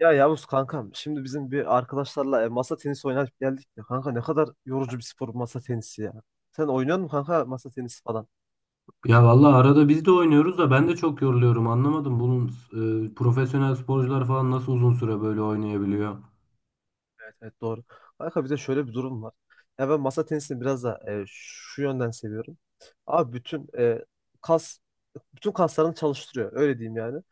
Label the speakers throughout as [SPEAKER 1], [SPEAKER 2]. [SPEAKER 1] Ya Yavuz kankam şimdi bizim bir arkadaşlarla masa tenisi oynayıp geldik ya. Kanka ne kadar yorucu bir spor bu masa tenisi ya. Sen oynuyor musun kanka masa tenisi falan?
[SPEAKER 2] Ya vallahi arada biz de oynuyoruz da ben de çok yoruluyorum. Anlamadım bunun profesyonel sporcular falan nasıl uzun süre böyle oynayabiliyor?
[SPEAKER 1] Evet, evet, doğru. Kanka bir de şöyle bir durum var. Ya ben masa tenisini biraz da şu yönden seviyorum. Abi kas bütün kaslarını çalıştırıyor öyle diyeyim yani.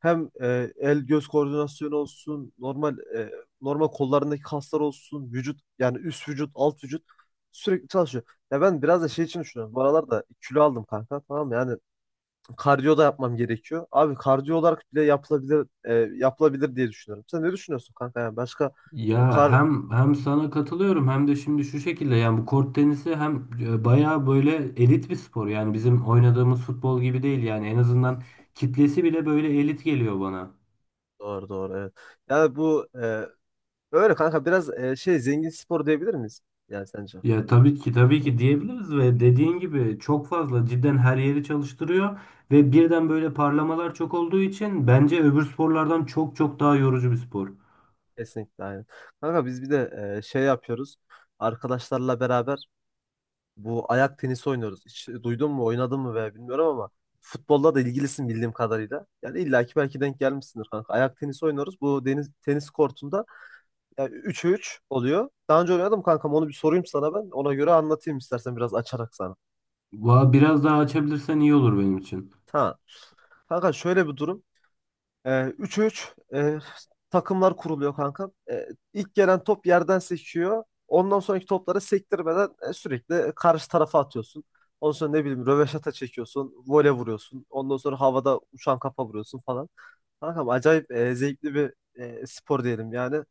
[SPEAKER 1] Hem el göz koordinasyonu olsun, normal kollarındaki kaslar olsun, vücut yani üst vücut, alt vücut sürekli çalışıyor. Ya ben biraz da şey için düşünüyorum. Bu aralar da kilo aldım kanka, tamam mı? Yani kardiyo da yapmam gerekiyor. Abi kardiyo olarak bile yapılabilir diye düşünüyorum. Sen ne düşünüyorsun kanka? Yani başka... bu
[SPEAKER 2] Ya
[SPEAKER 1] kar
[SPEAKER 2] hem sana katılıyorum hem de şimdi şu şekilde yani bu kort tenisi hem bayağı böyle elit bir spor. Yani bizim oynadığımız futbol gibi değil yani en azından kitlesi bile böyle elit geliyor bana.
[SPEAKER 1] Doğru, doğru, evet. Yani bu öyle kanka biraz şey, zengin spor diyebilir miyiz? Yani sence?
[SPEAKER 2] Ya tabii ki tabii ki diyebiliriz ve dediğin gibi çok fazla cidden her yeri çalıştırıyor. Ve birden böyle parlamalar çok olduğu için bence öbür sporlardan çok çok daha yorucu bir spor.
[SPEAKER 1] Kesinlikle, aynen. Kanka biz bir de şey yapıyoruz arkadaşlarla beraber. Bu ayak tenisi oynuyoruz. Hiç duydun mu, oynadın mı veya bilmiyorum ama futbolla da ilgilisin bildiğim kadarıyla. Yani illaki belki denk gelmişsindir kanka. Ayak tenisi oynuyoruz. Bu deniz tenis kortunda yani 3'e 3 oluyor. Daha önce oynadım kankam, onu bir sorayım sana ben. Ona göre anlatayım istersen, biraz açarak sana.
[SPEAKER 2] Biraz daha açabilirsen iyi olur benim için.
[SPEAKER 1] Ha. Kanka şöyle bir durum. Ee, 3-3 takımlar kuruluyor kanka. İlk gelen top yerden seçiyor. Ondan sonraki topları sektirmeden sürekli karşı tarafa atıyorsun. Ondan sonra ne bileyim röveşata çekiyorsun, vole vuruyorsun. Ondan sonra havada uçan kafa vuruyorsun falan. Kankam acayip zevkli bir spor diyelim yani.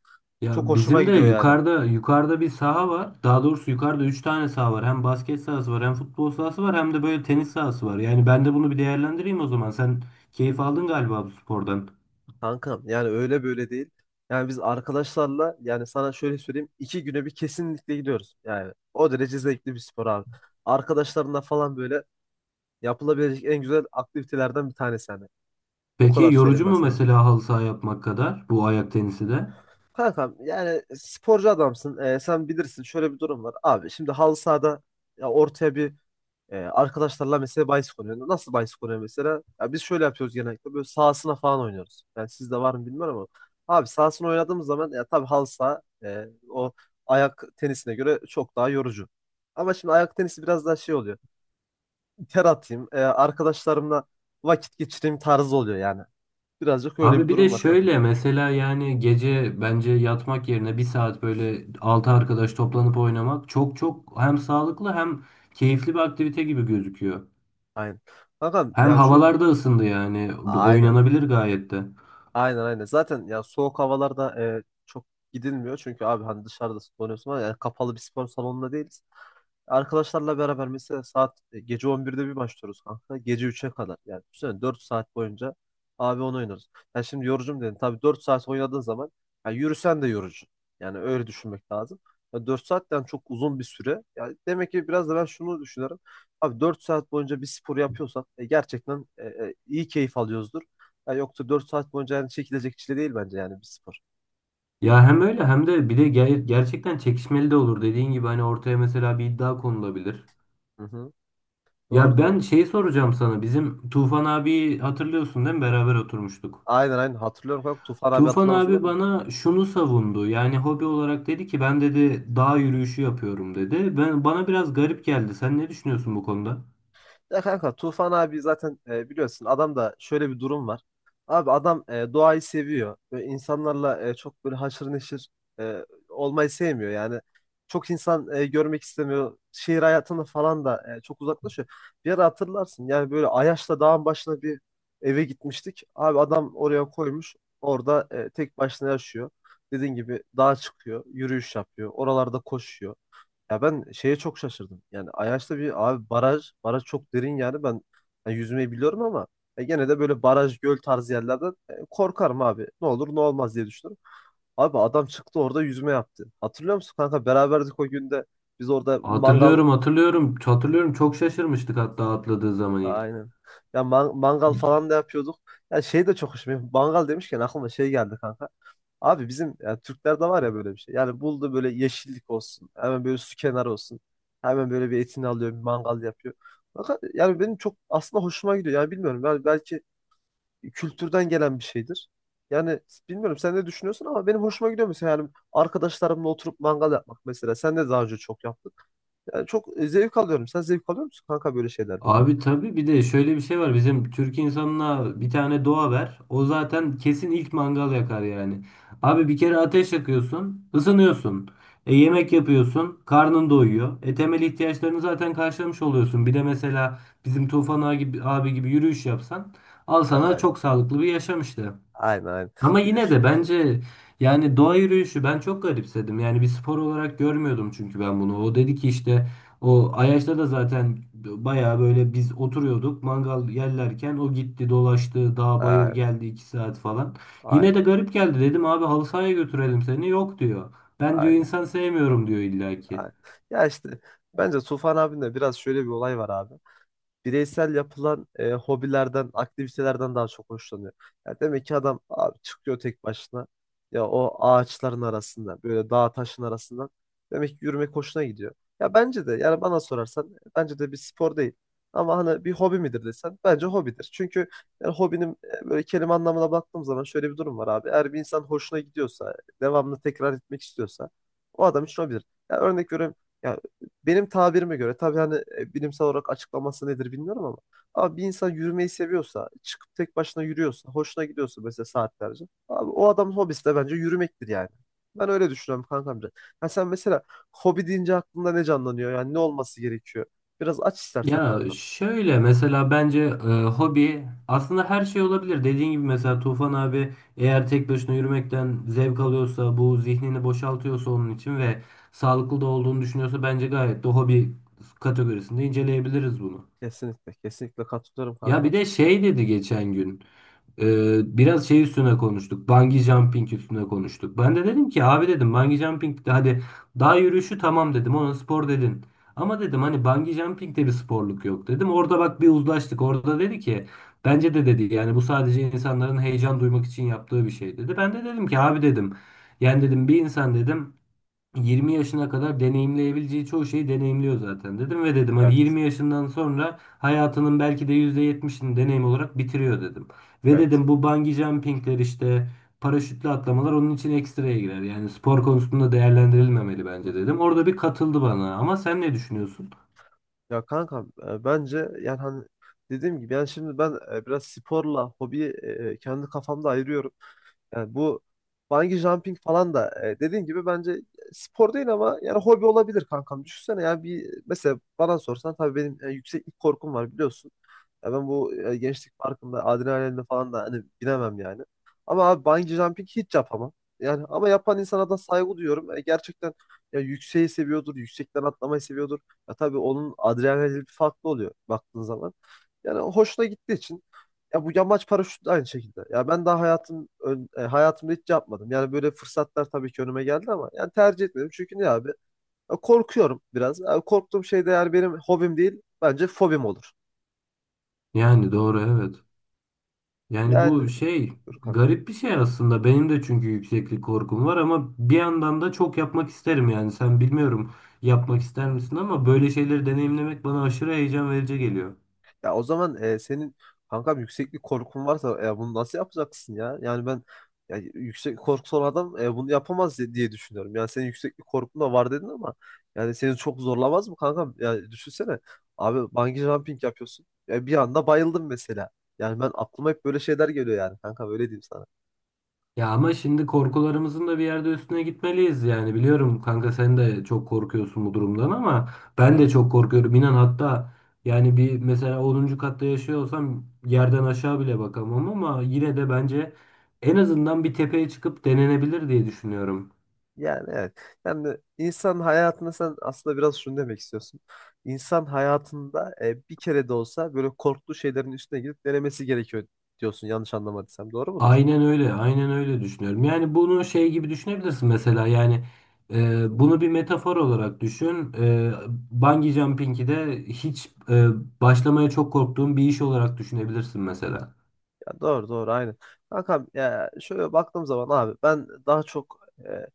[SPEAKER 1] Çok
[SPEAKER 2] Ya
[SPEAKER 1] hoşuma
[SPEAKER 2] bizim de
[SPEAKER 1] gidiyor yani.
[SPEAKER 2] yukarıda bir saha var. Daha doğrusu yukarıda 3 tane saha var. Hem basket sahası var, hem futbol sahası var, hem de böyle tenis sahası var. Yani ben de bunu bir değerlendireyim o zaman. Sen keyif aldın galiba bu spordan.
[SPEAKER 1] Kankam yani öyle böyle değil. Yani biz arkadaşlarla, yani sana şöyle söyleyeyim, iki güne bir kesinlikle gidiyoruz. Yani o derece zevkli bir spor abi. Arkadaşlarınla falan böyle yapılabilecek en güzel aktivitelerden bir tanesi hani. O
[SPEAKER 2] Peki
[SPEAKER 1] kadar söyleyeyim
[SPEAKER 2] yorucu
[SPEAKER 1] ben
[SPEAKER 2] mu
[SPEAKER 1] sana.
[SPEAKER 2] mesela halı saha yapmak kadar bu ayak tenisi de?
[SPEAKER 1] Kankam yani sporcu adamsın. Sen bilirsin, şöyle bir durum var. Abi şimdi halı sahada ya ortaya bir arkadaşlarla mesela bahis konuyor. Nasıl bahis konuyor mesela? Ya biz şöyle yapıyoruz genellikle. Böyle sahasına falan oynuyoruz. Yani sizde var mı bilmiyorum ama. Abi sahasına oynadığımız zaman ya tabii halı saha o ayak tenisine göre çok daha yorucu. Ama şimdi ayak tenisi biraz daha şey oluyor. Ter atayım, arkadaşlarımla vakit geçireyim tarzı oluyor yani. Birazcık öyle
[SPEAKER 2] Abi
[SPEAKER 1] bir
[SPEAKER 2] bir de
[SPEAKER 1] durum var kanka.
[SPEAKER 2] şöyle mesela yani gece bence yatmak yerine bir saat böyle 6 arkadaş toplanıp oynamak çok çok hem sağlıklı hem keyifli bir aktivite gibi gözüküyor.
[SPEAKER 1] Aynen. Kanka
[SPEAKER 2] Hem
[SPEAKER 1] yani şu...
[SPEAKER 2] havalar da ısındı yani.
[SPEAKER 1] aynen.
[SPEAKER 2] Oynanabilir gayet de.
[SPEAKER 1] Aynen, aynen. Zaten ya soğuk havalarda çok gidilmiyor. Çünkü abi hani dışarıda donuyorsun, ama yani kapalı bir spor salonunda değiliz. Arkadaşlarla beraber mesela saat gece 11'de bir başlıyoruz kanka. Gece 3'e kadar. Yani düşünsene 4 saat boyunca abi onu oynuyoruz. Yani şimdi yorucum dedin. Tabii 4 saat oynadığın zaman ya yürüsen de yorucu. Yani öyle düşünmek lazım. Ya 4 saatten çok uzun bir süre. Yani demek ki biraz da ben şunu düşünüyorum. Abi 4 saat boyunca bir spor yapıyorsak gerçekten iyi keyif alıyoruzdur. Ya yoksa 4 saat boyunca yani çekilecek çile değil bence yani bir spor.
[SPEAKER 2] Ya hem öyle hem de bir de gerçekten çekişmeli de olur. Dediğin gibi hani ortaya mesela bir iddia konulabilir.
[SPEAKER 1] Hı hı. Doğru,
[SPEAKER 2] Ya ben
[SPEAKER 1] doğru.
[SPEAKER 2] şey soracağım sana. Bizim Tufan abi hatırlıyorsun değil mi? Beraber oturmuştuk.
[SPEAKER 1] Aynen, aynen, hatırlıyorum kanka. Tufan abi
[SPEAKER 2] Tufan
[SPEAKER 1] hatırlamaz olur
[SPEAKER 2] abi
[SPEAKER 1] mu?
[SPEAKER 2] bana şunu savundu. Yani hobi olarak dedi ki ben dedi dağ yürüyüşü yapıyorum dedi. Ben bana biraz garip geldi. Sen ne düşünüyorsun bu konuda?
[SPEAKER 1] Ya kanka Tufan abi zaten biliyorsun adam da şöyle bir durum var. Abi adam doğayı seviyor. Böyle insanlarla çok böyle haşır neşir olmayı sevmiyor. Yani çok insan görmek istemiyor. Şehir hayatını falan da çok uzaklaşıyor. Bir ara hatırlarsın yani böyle Ayaş'ta dağın başına bir eve gitmiştik. Abi adam oraya koymuş. Orada tek başına yaşıyor. Dediğin gibi dağa çıkıyor, yürüyüş yapıyor, oralarda koşuyor. Ya ben şeye çok şaşırdım. Yani Ayaş'ta bir abi baraj çok derin, yani ben yani yüzmeyi biliyorum ama gene de böyle baraj, göl tarzı yerlerden korkarım abi. Ne olur ne olmaz diye düşünürüm. Abi adam çıktı orada yüzme yaptı. Hatırlıyor musun kanka, beraberdik o günde. Biz orada mangal...
[SPEAKER 2] Hatırlıyorum, hatırlıyorum. Hatırlıyorum çok şaşırmıştık hatta atladığı zaman ilk.
[SPEAKER 1] Aynen. Ya mangal falan da yapıyorduk. Ya şey de çok hoşuma. Mangal demişken aklıma şey geldi kanka. Abi bizim ya Türklerde var ya böyle bir şey. Yani buldu böyle yeşillik olsun, hemen böyle su kenarı olsun. Hemen böyle bir etini alıyor, bir mangal yapıyor. Fakat yani benim çok aslında hoşuma gidiyor. Yani bilmiyorum. Yani belki kültürden gelen bir şeydir. Yani bilmiyorum sen ne düşünüyorsun ama benim hoşuma gidiyor mesela, yani arkadaşlarımla oturup mangal yapmak mesela. Sen de daha önce çok yaptın. Yani çok zevk alıyorum. Sen zevk alıyor musun kanka böyle şeylerden?
[SPEAKER 2] Abi tabii bir de şöyle bir şey var. Bizim Türk insanına bir tane doğa ver. O zaten kesin ilk mangal yakar yani. Abi bir kere ateş yakıyorsun, ısınıyorsun. E, yemek yapıyorsun, karnın doyuyor. E, temel ihtiyaçlarını zaten karşılamış oluyorsun. Bir de mesela bizim Tufan abi gibi, abi gibi yürüyüş yapsan al sana
[SPEAKER 1] Aynen.
[SPEAKER 2] çok sağlıklı bir yaşam işte.
[SPEAKER 1] Aynen, aynen.
[SPEAKER 2] Ama
[SPEAKER 1] Bir de
[SPEAKER 2] yine de bence yani doğa yürüyüşü ben çok garipsedim. Yani bir spor olarak görmüyordum çünkü ben bunu. O dedi ki işte o Ayaş'ta da zaten bayağı böyle biz oturuyorduk mangal yerlerken o gitti dolaştı dağ bayır
[SPEAKER 1] aynen,
[SPEAKER 2] geldi 2 saat falan. Yine de
[SPEAKER 1] aynen,
[SPEAKER 2] garip geldi dedim abi halı sahaya götürelim seni yok diyor. Ben diyor
[SPEAKER 1] aynen.
[SPEAKER 2] insan sevmiyorum diyor illaki.
[SPEAKER 1] Aynen. Ya işte bence Tufan abinde biraz şöyle bir olay var abi. Bireysel yapılan hobilerden, aktivitelerden daha çok hoşlanıyor. Ya demek ki adam abi çıkıyor tek başına. Ya o ağaçların arasında, böyle dağ taşın arasından demek ki yürümek hoşuna gidiyor. Ya bence de, yani bana sorarsan bence de bir spor değil. Ama hani bir hobi midir desen bence hobidir. Çünkü yani hobinin böyle kelime anlamına baktığım zaman şöyle bir durum var abi. Eğer bir insan hoşuna gidiyorsa, devamlı tekrar etmek istiyorsa, o adam için hobidir. Ya örnek veriyorum, ya benim tabirime göre tabii, hani bilimsel olarak açıklaması nedir bilmiyorum ama abi bir insan yürümeyi seviyorsa, çıkıp tek başına yürüyorsa, hoşuna gidiyorsa mesela saatlerce. Abi o adamın hobisi de bence yürümektir yani. Ben öyle düşünüyorum kankam. Ha sen mesela hobi deyince aklında ne canlanıyor? Yani ne olması gerekiyor? Biraz aç istersen
[SPEAKER 2] Ya
[SPEAKER 1] kankam.
[SPEAKER 2] şöyle mesela bence hobi aslında her şey olabilir. Dediğin gibi mesela Tufan abi eğer tek başına yürümekten zevk alıyorsa, bu zihnini boşaltıyorsa onun için ve sağlıklı da olduğunu düşünüyorsa bence gayet de hobi kategorisinde inceleyebiliriz bunu.
[SPEAKER 1] Kesinlikle, kesinlikle katılıyorum
[SPEAKER 2] Ya bir
[SPEAKER 1] kankam.
[SPEAKER 2] de şey dedi geçen gün. Biraz şey üstüne konuştuk. Bungee jumping üstüne konuştuk. Ben de dedim ki abi dedim bungee jumping de hadi dağ yürüyüşü tamam dedim ona spor dedin. Ama dedim hani bungee jumping de bir sporluk yok dedim. Orada bak bir uzlaştık. Orada dedi ki bence de dedi yani bu sadece insanların heyecan duymak için yaptığı bir şey dedi. Ben de dedim ki abi dedim yani dedim bir insan dedim 20 yaşına kadar deneyimleyebileceği çoğu şeyi deneyimliyor zaten dedim ve dedim hani
[SPEAKER 1] Evet,
[SPEAKER 2] 20 yaşından sonra hayatının belki de %70'ini deneyim olarak bitiriyor dedim. Ve
[SPEAKER 1] evet.
[SPEAKER 2] dedim bu bungee jumpingler işte paraşütle atlamalar onun için ekstraya girer. Yani spor konusunda değerlendirilmemeli
[SPEAKER 1] Hı
[SPEAKER 2] bence
[SPEAKER 1] hı.
[SPEAKER 2] dedim. Orada bir katıldı bana ama sen ne düşünüyorsun?
[SPEAKER 1] Ya kankam bence yani hani dediğim gibi, yani şimdi ben biraz sporla hobiyi kendi kafamda ayırıyorum. Yani bu bungee jumping falan da dediğin gibi bence spor değil ama yani hobi olabilir kankam. Düşünsene, ya bir mesela bana sorsan, tabii benim yükseklik korkum var biliyorsun. Ya ben bu gençlik parkında adrenalinle falan da hani binemem yani. Ama abi bungee jumping hiç yapamam. Yani ama yapan insana da saygı duyuyorum. Gerçekten ya yükseği seviyordur, yüksekten atlamayı seviyordur. Ya tabii onun adrenalini bir farklı oluyor baktığın zaman. Yani hoşuna gittiği için, ya bu yamaç paraşütü de aynı şekilde. Ya ben daha hayatımda hiç yapmadım. Yani böyle fırsatlar tabii ki önüme geldi ama yani tercih etmedim. Çünkü ne abi? Ya korkuyorum biraz. Ya korktuğum şey de yani benim hobim değil, bence fobim olur.
[SPEAKER 2] Yani doğru. Yani
[SPEAKER 1] Yani,
[SPEAKER 2] bu şey
[SPEAKER 1] dur kankam.
[SPEAKER 2] garip bir şey aslında. Benim de çünkü yükseklik korkum var ama bir yandan da çok yapmak isterim yani. Sen bilmiyorum yapmak ister misin ama böyle şeyleri deneyimlemek bana aşırı heyecan verici geliyor.
[SPEAKER 1] Ya o zaman senin kankam yükseklik korkun varsa bunu nasıl yapacaksın ya? Yani ben ya, yüksek korkusu olan adam bunu yapamaz diye düşünüyorum. Yani senin yükseklik korkun da var dedin ama yani seni çok zorlamaz mı kankam? Yani düşünsene abi bungee jumping yapıyorsun. Ya bir anda bayıldım mesela. Yani ben, aklıma hep böyle şeyler geliyor yani kanka, öyle diyeyim sana.
[SPEAKER 2] Ya ama şimdi korkularımızın da bir yerde üstüne gitmeliyiz yani. Biliyorum kanka sen de çok korkuyorsun bu durumdan ama ben de
[SPEAKER 1] Evet.
[SPEAKER 2] çok korkuyorum. İnan hatta yani bir mesela 10. katta yaşıyor olsam yerden aşağı bile bakamam ama yine de bence en azından bir tepeye çıkıp denenebilir diye düşünüyorum.
[SPEAKER 1] Yani evet. Yani insan hayatında sen aslında biraz şunu demek istiyorsun. İnsan hayatında bir kere de olsa böyle korktuğu şeylerin üstüne gidip denemesi gerekiyor diyorsun. Yanlış anlamadıysam. Doğru mudur?
[SPEAKER 2] Aynen öyle, aynen öyle düşünüyorum. Yani bunu şey gibi düşünebilirsin mesela yani bunu bir metafor olarak düşün. Bungee jumping'i de hiç başlamaya çok korktuğum bir iş olarak düşünebilirsin mesela.
[SPEAKER 1] Ya doğru, doğru, aynı. Kankam ya şöyle baktığım zaman abi ben daha çok e,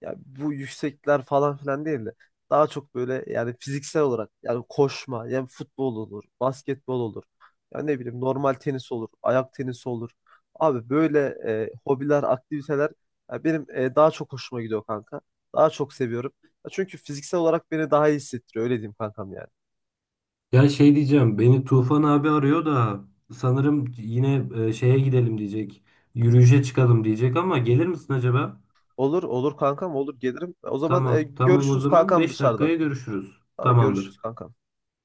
[SPEAKER 1] ya bu yüksekler falan filan değil de, daha çok böyle yani fiziksel olarak, yani koşma, yani futbol olur, basketbol olur. Ya ne bileyim normal tenis olur, ayak tenisi olur. Abi böyle hobiler, aktiviteler ya benim daha çok hoşuma gidiyor kanka. Daha çok seviyorum. Ya çünkü fiziksel olarak beni daha iyi hissettiriyor, öyle diyeyim kankam yani.
[SPEAKER 2] Ya şey diyeceğim, beni Tufan abi arıyor da sanırım yine şeye gidelim diyecek, yürüyüşe çıkalım diyecek ama gelir misin acaba?
[SPEAKER 1] Olur, olur kankam, olur gelirim. O zaman
[SPEAKER 2] Tamam, tamam o
[SPEAKER 1] görüşürüz
[SPEAKER 2] zaman
[SPEAKER 1] kankam
[SPEAKER 2] 5
[SPEAKER 1] dışarıda.
[SPEAKER 2] dakikaya görüşürüz.
[SPEAKER 1] Tamam,
[SPEAKER 2] Tamamdır.
[SPEAKER 1] görüşürüz kankam.